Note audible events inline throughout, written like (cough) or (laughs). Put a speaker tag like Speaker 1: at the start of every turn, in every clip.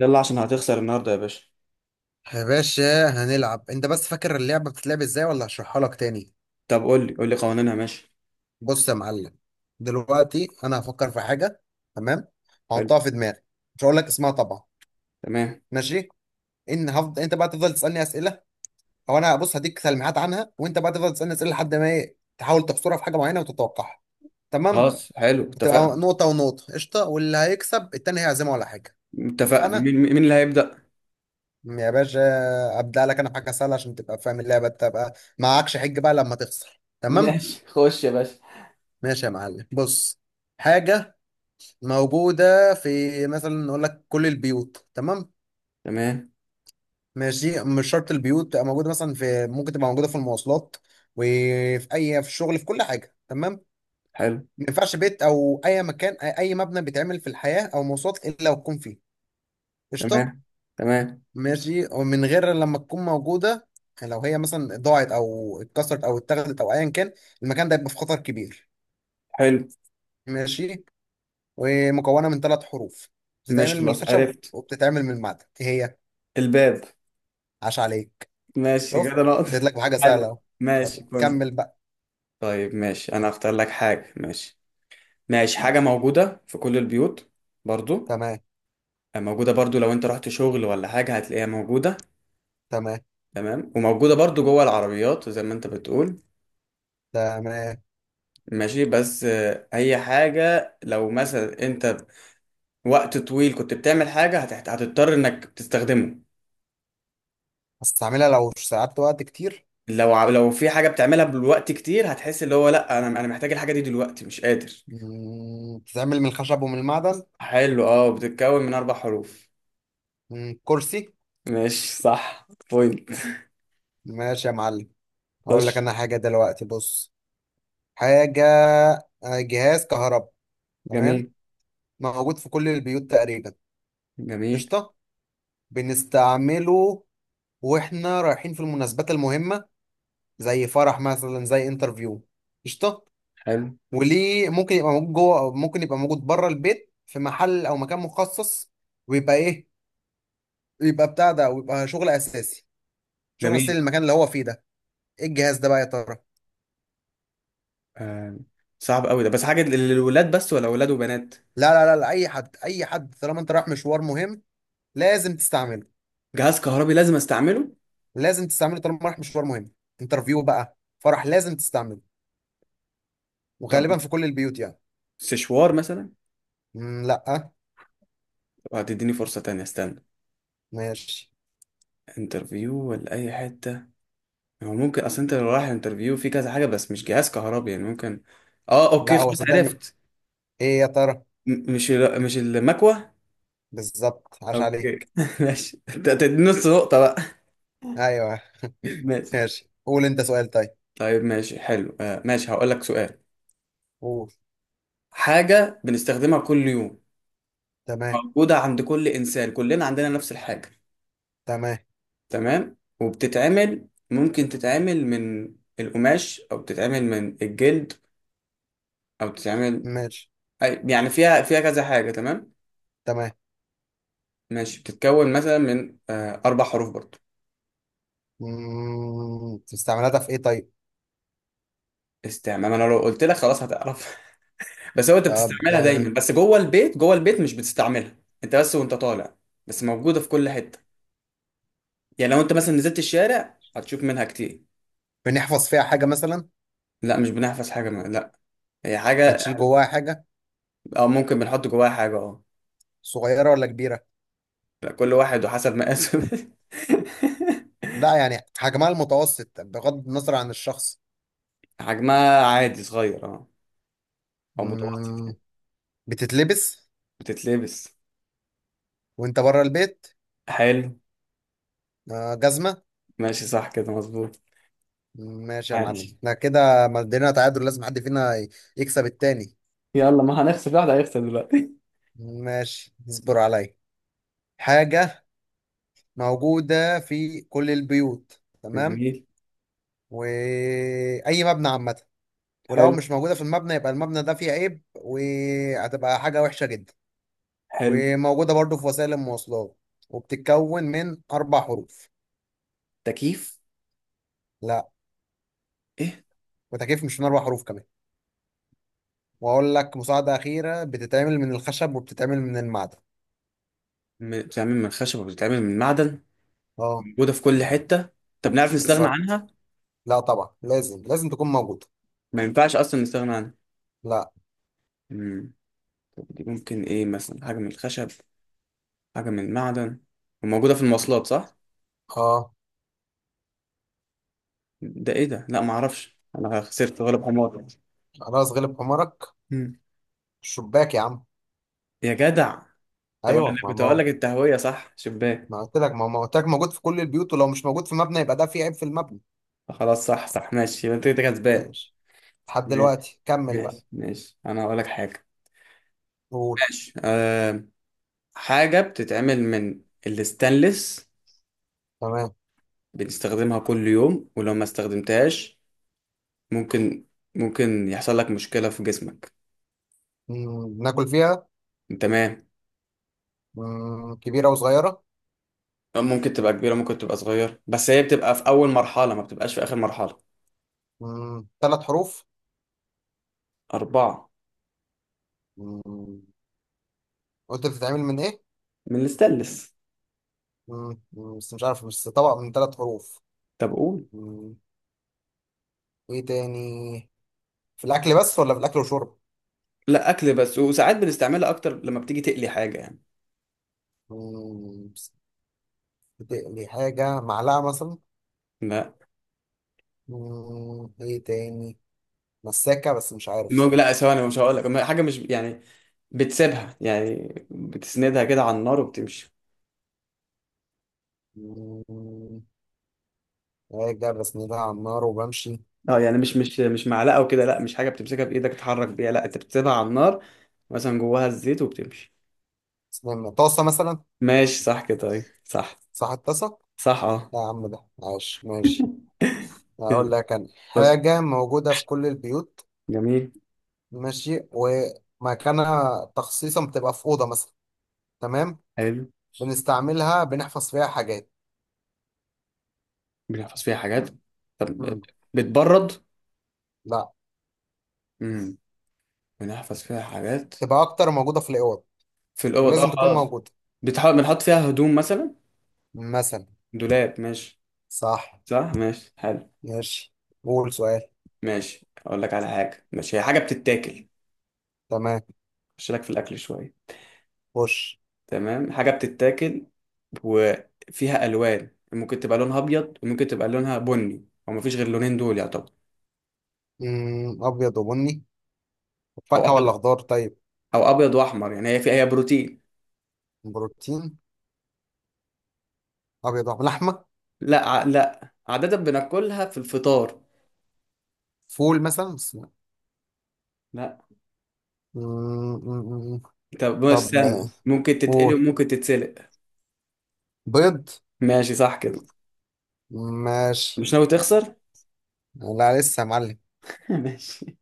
Speaker 1: يلا عشان هتخسر النهارده يا باشا.
Speaker 2: يا باشا، هنلعب. انت بس فاكر اللعبة بتتلعب ازاي ولا هشرحها لك تاني؟
Speaker 1: طب قول لي قوانينها. ماشي.
Speaker 2: بص يا معلم، دلوقتي انا هفكر في حاجة. تمام،
Speaker 1: حلو.
Speaker 2: هحطها في دماغي. مش هقول لك اسمها طبعا.
Speaker 1: تمام.
Speaker 2: ماشي. ان هفضل، انت بقى تفضل تسألني اسئلة. او انا بص هديك تلميحات عنها وانت بقى تفضل تسألني اسئلة لحد ما ايه تحاول تحصرها في حاجة معينة وتتوقعها. تمام.
Speaker 1: خلاص حلو
Speaker 2: هتبقى
Speaker 1: اتفقنا.
Speaker 2: نقطة ونقطة قشطة، واللي هيكسب التاني هيعزمه على حاجة.
Speaker 1: اتفقنا،
Speaker 2: اتفقنا.
Speaker 1: مين اللي هيبدأ؟
Speaker 2: يا باشا، ابدأ لك انا بحاجة سهلة عشان تبقى فاهم اللعبة، تبقى معكش حج بقى لما تخسر. تمام.
Speaker 1: ماشي خش يا باشا.
Speaker 2: ماشي يا معلم، بص. حاجة موجودة في، مثلا نقول لك كل البيوت. تمام.
Speaker 1: تمام.
Speaker 2: ماشي، مش شرط البيوت تبقى موجودة مثلا في، ممكن تبقى موجودة في المواصلات، وفي أي، في الشغل، في كل حاجة. تمام.
Speaker 1: حلو.
Speaker 2: ما ينفعش بيت أو أي مكان، أي مبنى بيتعمل في الحياة أو مواصلات، إلا وتكون فيه. قشطة.
Speaker 1: تمام. تمام.
Speaker 2: ماشي. ومن غير لما تكون موجودة، لو هي مثلا ضاعت أو اتكسرت أو اتاخدت أو أيا كان، المكان ده يبقى في خطر كبير.
Speaker 1: حلو.
Speaker 2: ماشي. ومكونه من ثلاث حروف،
Speaker 1: ماشي
Speaker 2: بتتعمل من
Speaker 1: خلاص
Speaker 2: الخشب
Speaker 1: عرفت.
Speaker 2: وبتتعمل من المعدن. ايه هي؟
Speaker 1: الباب.
Speaker 2: عاش عليك.
Speaker 1: ماشي كده
Speaker 2: شفت؟
Speaker 1: نقطة.
Speaker 2: اديت لك بحاجه سهله اهو.
Speaker 1: حلو ماشي
Speaker 2: طب،
Speaker 1: بوينت.
Speaker 2: كمل بقى.
Speaker 1: طيب ماشي انا هختار لك حاجة. ماشي. ماشي، حاجة موجودة في كل البيوت. برضو
Speaker 2: تمام.
Speaker 1: موجودة، برضو لو انت رحت شغل ولا حاجة هتلاقيها موجودة.
Speaker 2: تمام.
Speaker 1: تمام، وموجودة برضو جوه العربيات زي ما انت بتقول.
Speaker 2: تمام.
Speaker 1: ماشي، بس هي حاجة لو مثلا انت وقت طويل كنت بتعمل حاجة هتضطر انك تستخدمه.
Speaker 2: هستعملها لو قعدت وقت كتير.
Speaker 1: لو في حاجة بتعملها بالوقت كتير هتحس اللي هو، لا انا محتاج الحاجة دي دلوقتي، مش قادر.
Speaker 2: بتتعمل من الخشب ومن المعدن.
Speaker 1: حلو، اه بتتكون من اربع حروف.
Speaker 2: كرسي.
Speaker 1: ماشي صح بوينت.
Speaker 2: ماشي يا معلم،
Speaker 1: خش.
Speaker 2: هقول لك انا حاجه دلوقتي. بص. حاجه. جهاز كهرباء. تمام.
Speaker 1: جميل.
Speaker 2: موجود في كل البيوت تقريبا.
Speaker 1: جميل.
Speaker 2: قشطه. بنستعمله واحنا رايحين في المناسبات المهمه، زي فرح مثلا، زي انترفيو. قشطه.
Speaker 1: حلو.
Speaker 2: وليه ممكن يبقى موجود جوه، او ممكن يبقى موجود بره البيت في محل او مكان مخصص. ويبقى ايه، ويبقى بتاع ده، ويبقى شغل اساسي، شغل اساسي
Speaker 1: جميل.
Speaker 2: للمكان اللي هو فيه ده. ايه الجهاز ده بقى يا ترى؟
Speaker 1: آه صعب قوي ده، بس حاجة للولاد بس ولا ولاد وبنات؟
Speaker 2: لا، لا، لا، لا، اي حد، اي حد طالما انت رايح مشوار مهم لازم تستعمله.
Speaker 1: جهاز كهربي لازم استعمله.
Speaker 2: لازم تستعمله طالما رايح مشوار مهم. انترفيو بقى، فرح، لازم تستعمله.
Speaker 1: طب
Speaker 2: وغالبا في كل البيوت يعني.
Speaker 1: سشوار مثلا؟
Speaker 2: مم، لا.
Speaker 1: وهتديني فرصة تانية، استنى.
Speaker 2: ماشي.
Speaker 1: انترفيو ولا اي حته، هو ممكن اصل انت لو رايح انترفيو في كذا حاجه بس مش جهاز كهربي يعني ممكن. اه اوكي
Speaker 2: لا، هو
Speaker 1: خلاص
Speaker 2: صدقني.
Speaker 1: عرفت.
Speaker 2: ايه يا ترى؟
Speaker 1: مش المكوه.
Speaker 2: بالظبط، عاش
Speaker 1: اوكي
Speaker 2: عليك.
Speaker 1: (laughs) ماشي انت تدي نص نقطه بقى.
Speaker 2: ايوه. (laughs)
Speaker 1: ماشي.
Speaker 2: ماشي، قول انت سؤال. طيب،
Speaker 1: طيب ماشي حلو، ماشي هقول لك سؤال.
Speaker 2: قول.
Speaker 1: حاجه بنستخدمها كل يوم.
Speaker 2: تمام.
Speaker 1: موجوده عند كل انسان، كلنا عندنا نفس الحاجه.
Speaker 2: تمام.
Speaker 1: تمام، وبتتعمل، ممكن تتعمل من القماش او بتتعمل من الجلد او بتتعمل
Speaker 2: ماشي.
Speaker 1: يعني فيها، فيها كذا حاجه. تمام.
Speaker 2: تمام.
Speaker 1: ماشي بتتكون مثلا من اربع حروف برضو.
Speaker 2: استعملتها في ايه طيب؟
Speaker 1: استعمال؟ ما انا لو قلت لك خلاص هتعرف. (laughs) بس هو انت
Speaker 2: طب،
Speaker 1: بتستعملها دايما، بس جوه البيت، جوه البيت مش بتستعملها. انت بس وانت طالع. بس موجوده في كل حته، يعني لو انت مثلا نزلت الشارع هتشوف منها كتير.
Speaker 2: بنحفظ فيها حاجة مثلا؟
Speaker 1: لا مش بنحفظ حاجه. ما، لا، هي حاجه.
Speaker 2: بنشيل جواها حاجة؟
Speaker 1: او ممكن بنحط جواها حاجه، اه.
Speaker 2: صغيرة ولا كبيرة؟
Speaker 1: لا، كل واحد وحسب مقاسه. (laughs)
Speaker 2: لا، يعني حجمها المتوسط بغض النظر عن الشخص.
Speaker 1: حجمها عادي، صغير اه، او متوسط
Speaker 2: مم،
Speaker 1: يعني.
Speaker 2: بتتلبس
Speaker 1: بتتلبس.
Speaker 2: وانت بره البيت؟
Speaker 1: حلو.
Speaker 2: جزمة.
Speaker 1: ماشي صح كده مظبوط.
Speaker 2: ماشي يا معلم.
Speaker 1: عايش.
Speaker 2: احنا كده مدينا تعادل، لازم حد فينا يكسب التاني.
Speaker 1: يلا، ما هنخسر، واحد هيخسر دلوقتي. (laughs)
Speaker 2: ماشي، اصبر عليا. حاجة موجودة في كل البيوت، تمام،
Speaker 1: جميل.
Speaker 2: وأي مبنى عامة. ولو
Speaker 1: حلو.
Speaker 2: مش موجودة في المبنى يبقى المبنى ده فيه عيب، وهتبقى حاجة وحشة جدا.
Speaker 1: حلو.
Speaker 2: وموجودة برضو في وسائل المواصلات. وبتتكون من أربع حروف.
Speaker 1: تكييف.
Speaker 2: لا،
Speaker 1: ايه؟
Speaker 2: وتكيف مش من أربع حروف كمان. وأقول لك مساعدة أخيرة، بتتعمل من الخشب وبتتعمل من المعدن.
Speaker 1: بتتعمل من خشب وبتتعمل من معدن،
Speaker 2: اه.
Speaker 1: موجوده في كل حته. طب نعرف نستغنى
Speaker 2: بالظبط.
Speaker 1: عنها؟
Speaker 2: لا، طبعا لازم لازم تكون موجودة.
Speaker 1: ما ينفعش اصلا نستغنى عنها.
Speaker 2: لا.
Speaker 1: امم طب دي ممكن ايه، مثلا حاجه من الخشب، حاجه من المعدن، وموجوده في المواصلات؟ صح.
Speaker 2: اه.
Speaker 1: ده ايه ده؟ لا ما اعرفش، انا خسرت، غلب حمار.
Speaker 2: خلاص، غلب حمارك.
Speaker 1: مم.
Speaker 2: الشباك يا عم.
Speaker 1: يا جدع، طب انا
Speaker 2: ايوه، ما
Speaker 1: كنت اقول لك التهويه، صح، شباك.
Speaker 2: ما قلت لك، ما قلت لك موجود في كل البيوت، ولو مش موجود في مبنى يبقى ده في عيب في المبنى.
Speaker 1: خلاص صح صح ماشي، يبقى انت كده كسبان.
Speaker 2: ماشي. لحد
Speaker 1: ماشي.
Speaker 2: دلوقتي، كمل بقى.
Speaker 1: انا هقول لك حاجه.
Speaker 2: قول.
Speaker 1: ماشي حاجة بتتعمل من الستانلس،
Speaker 2: تمام.
Speaker 1: بنستخدمها كل يوم ولو ما استخدمتهاش ممكن، ممكن يحصل لك مشكلة في جسمك.
Speaker 2: ناكل فيها.
Speaker 1: تمام.
Speaker 2: كبيرة وصغيرة؟
Speaker 1: ممكن تبقى كبيرة ممكن تبقى صغيرة، بس هي بتبقى في أول مرحلة ما بتبقاش في آخر مرحلة.
Speaker 2: ثلاث حروف؟
Speaker 1: أربعة.
Speaker 2: مم. قلت بتتعمل من ايه؟
Speaker 1: من الستانلس.
Speaker 2: بس مش عارف، بس طبق من ثلاث حروف.
Speaker 1: طب قول.
Speaker 2: مم. ايه تاني؟ في الاكل بس ولا في الاكل وشرب؟
Speaker 1: لا، أكل بس، وساعات بنستعملها أكتر لما بتيجي تقلي حاجة يعني.
Speaker 2: بس بتقلي حاجة معلقة مثلا؟
Speaker 1: لا.
Speaker 2: ايه تاني؟ مساكة، بس مش عارف
Speaker 1: ممكن،
Speaker 2: صراحة.
Speaker 1: لا ثواني، مش هقول لك حاجة مش يعني، بتسيبها يعني، بتسندها كده على النار وبتمشي.
Speaker 2: مم، راجع بسندها على النار وبمشي؟
Speaker 1: اه يعني مش معلقه وكده، لا مش حاجه بتمسكها بايدك تتحرك بيها، لا انت بتسيبها على النار مثلا جواها الزيت وبتمشي.
Speaker 2: استنى، طاسة مثلا؟
Speaker 1: ماشي صح كده، طيب، صح،
Speaker 2: صح الطاسة.
Speaker 1: صح اه.
Speaker 2: لا يا عم، ده عاش. ماشي.
Speaker 1: (laughs)
Speaker 2: هقول
Speaker 1: يلا.
Speaker 2: لك أنا
Speaker 1: بس.
Speaker 2: حاجة موجودة في كل البيوت.
Speaker 1: جميل.
Speaker 2: ماشي. ومكانها تخصيصا بتبقى في أوضة مثلا. تمام.
Speaker 1: حلو.
Speaker 2: بنستعملها، بنحفظ فيها حاجات.
Speaker 1: بنحفظ فيها حاجات. طب
Speaker 2: مم.
Speaker 1: بتبرد؟
Speaker 2: لا.
Speaker 1: امم بنحفظ فيها حاجات.
Speaker 2: تبقى أكتر موجودة في الأوض.
Speaker 1: في الاوض
Speaker 2: ولازم
Speaker 1: اه
Speaker 2: تكون
Speaker 1: خلاص.
Speaker 2: موجودة.
Speaker 1: بتحاول بنحط فيها هدوم مثلا،
Speaker 2: مثلا.
Speaker 1: دولاب ماشي.
Speaker 2: صح.
Speaker 1: صح ماشي حلو.
Speaker 2: ماشي. قول سؤال.
Speaker 1: ماشي اقول لك على حاجه. ماشي هي حاجه بتتاكل.
Speaker 2: تمام.
Speaker 1: خش لك في الاكل شويه.
Speaker 2: خش.
Speaker 1: تمام، حاجه بتتاكل وفيها الوان، ممكن تبقى لونها ابيض وممكن تبقى لونها بني، او مفيش غير لونين دول يعتبر.
Speaker 2: أبيض وبني.
Speaker 1: او
Speaker 2: فاكهة
Speaker 1: ابيض،
Speaker 2: ولا خضار طيب؟
Speaker 1: او ابيض واحمر يعني، هي فيها، هي بروتين.
Speaker 2: بروتين. أبيض ولحمة.
Speaker 1: لا عاده بناكلها في الفطار.
Speaker 2: فول مثلا؟ بس لا.
Speaker 1: لا.
Speaker 2: مم، مم، مم.
Speaker 1: طب بس
Speaker 2: طب.
Speaker 1: استنى، ممكن تتقلي
Speaker 2: فول.
Speaker 1: وممكن تتسلق.
Speaker 2: بيض.
Speaker 1: ماشي صح كده.
Speaker 2: ماشي.
Speaker 1: مش ناوي تخسر؟
Speaker 2: لا لسه يا معلم.
Speaker 1: (laughs) ماشي.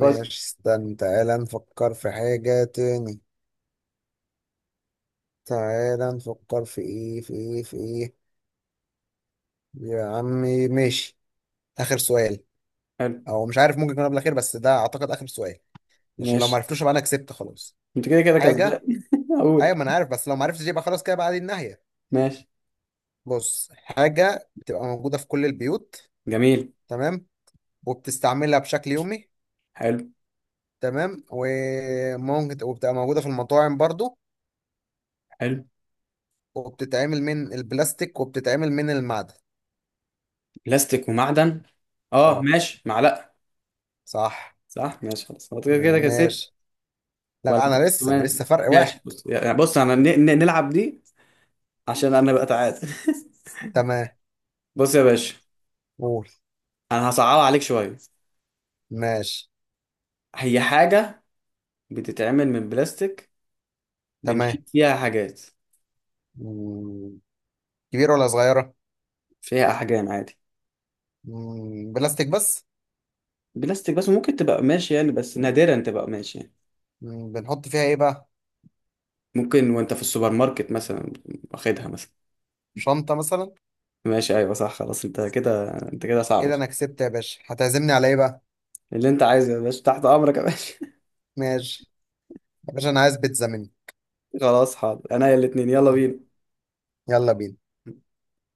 Speaker 1: خش.
Speaker 2: استنى. تعالى نفكر في حاجة تاني. تعالى نفكر في ايه، في ايه، في ايه يا عمي. ماشي. آخر سؤال.
Speaker 1: حلو.
Speaker 2: او مش عارف، ممكن يكون قبل الأخير، بس ده اعتقد آخر سؤال. عشان لو ما
Speaker 1: ماشي
Speaker 2: عرفتوش يبقى انا كسبت خلاص.
Speaker 1: انت كده كده
Speaker 2: حاجة.
Speaker 1: كسبان. (laughs)
Speaker 2: ايوه،
Speaker 1: اقول.
Speaker 2: ما انا عارف، بس لو ما عرفتش يبقى خلاص كده بقى دي النهاية.
Speaker 1: ماشي.
Speaker 2: بص، حاجة بتبقى موجودة في كل البيوت.
Speaker 1: جميل.
Speaker 2: تمام. وبتستعملها بشكل يومي.
Speaker 1: حلو.
Speaker 2: تمام. وممكن وبتبقى موجودة في المطاعم برضو.
Speaker 1: حلو.
Speaker 2: وبتتعمل من البلاستيك وبتتعمل من المعدن.
Speaker 1: بلاستيك ومعدن، اه
Speaker 2: اه.
Speaker 1: ماشي معلقه.
Speaker 2: صح.
Speaker 1: صح ماشي خلاص، هو كده كده كسبت.
Speaker 2: ماشي.
Speaker 1: ولا.
Speaker 2: لا، انا لسه انا
Speaker 1: تمام.
Speaker 2: لسه فرق
Speaker 1: ماشي،
Speaker 2: واحد.
Speaker 1: بص يعني، بص انا نلعب دي عشان انا بقى تعاد. (laughs)
Speaker 2: تمام.
Speaker 1: بص يا باشا،
Speaker 2: قول.
Speaker 1: انا هصعبها عليك شويه.
Speaker 2: ماشي.
Speaker 1: هي حاجه بتتعمل من بلاستيك،
Speaker 2: تمام.
Speaker 1: بنشيل فيها حاجات.
Speaker 2: مم. كبيرة ولا صغيرة؟
Speaker 1: فيها احجام عادي.
Speaker 2: بلاستيك بس؟
Speaker 1: بلاستيك بس، ممكن تبقى ماشي يعني بس نادرا، تبقى ماشي يعني.
Speaker 2: بنحط فيها ايه بقى؟
Speaker 1: ممكن وانت في السوبر ماركت مثلا، واخدها مثلا.
Speaker 2: شنطة مثلا؟
Speaker 1: ماشي ايوه صح، خلاص انت كده، انت كده صعب.
Speaker 2: كده انا كسبت يا باشا. هتعزمني على ايه بقى؟
Speaker 1: اللي انت عايزه يا باشا، تحت امرك يا باشا. (laughs)
Speaker 2: ماشي. يا باشا، انا عايز بيتزا مني.
Speaker 1: خلاص حاضر، انا يا الاتنين، يلا بينا.
Speaker 2: يلا بينا.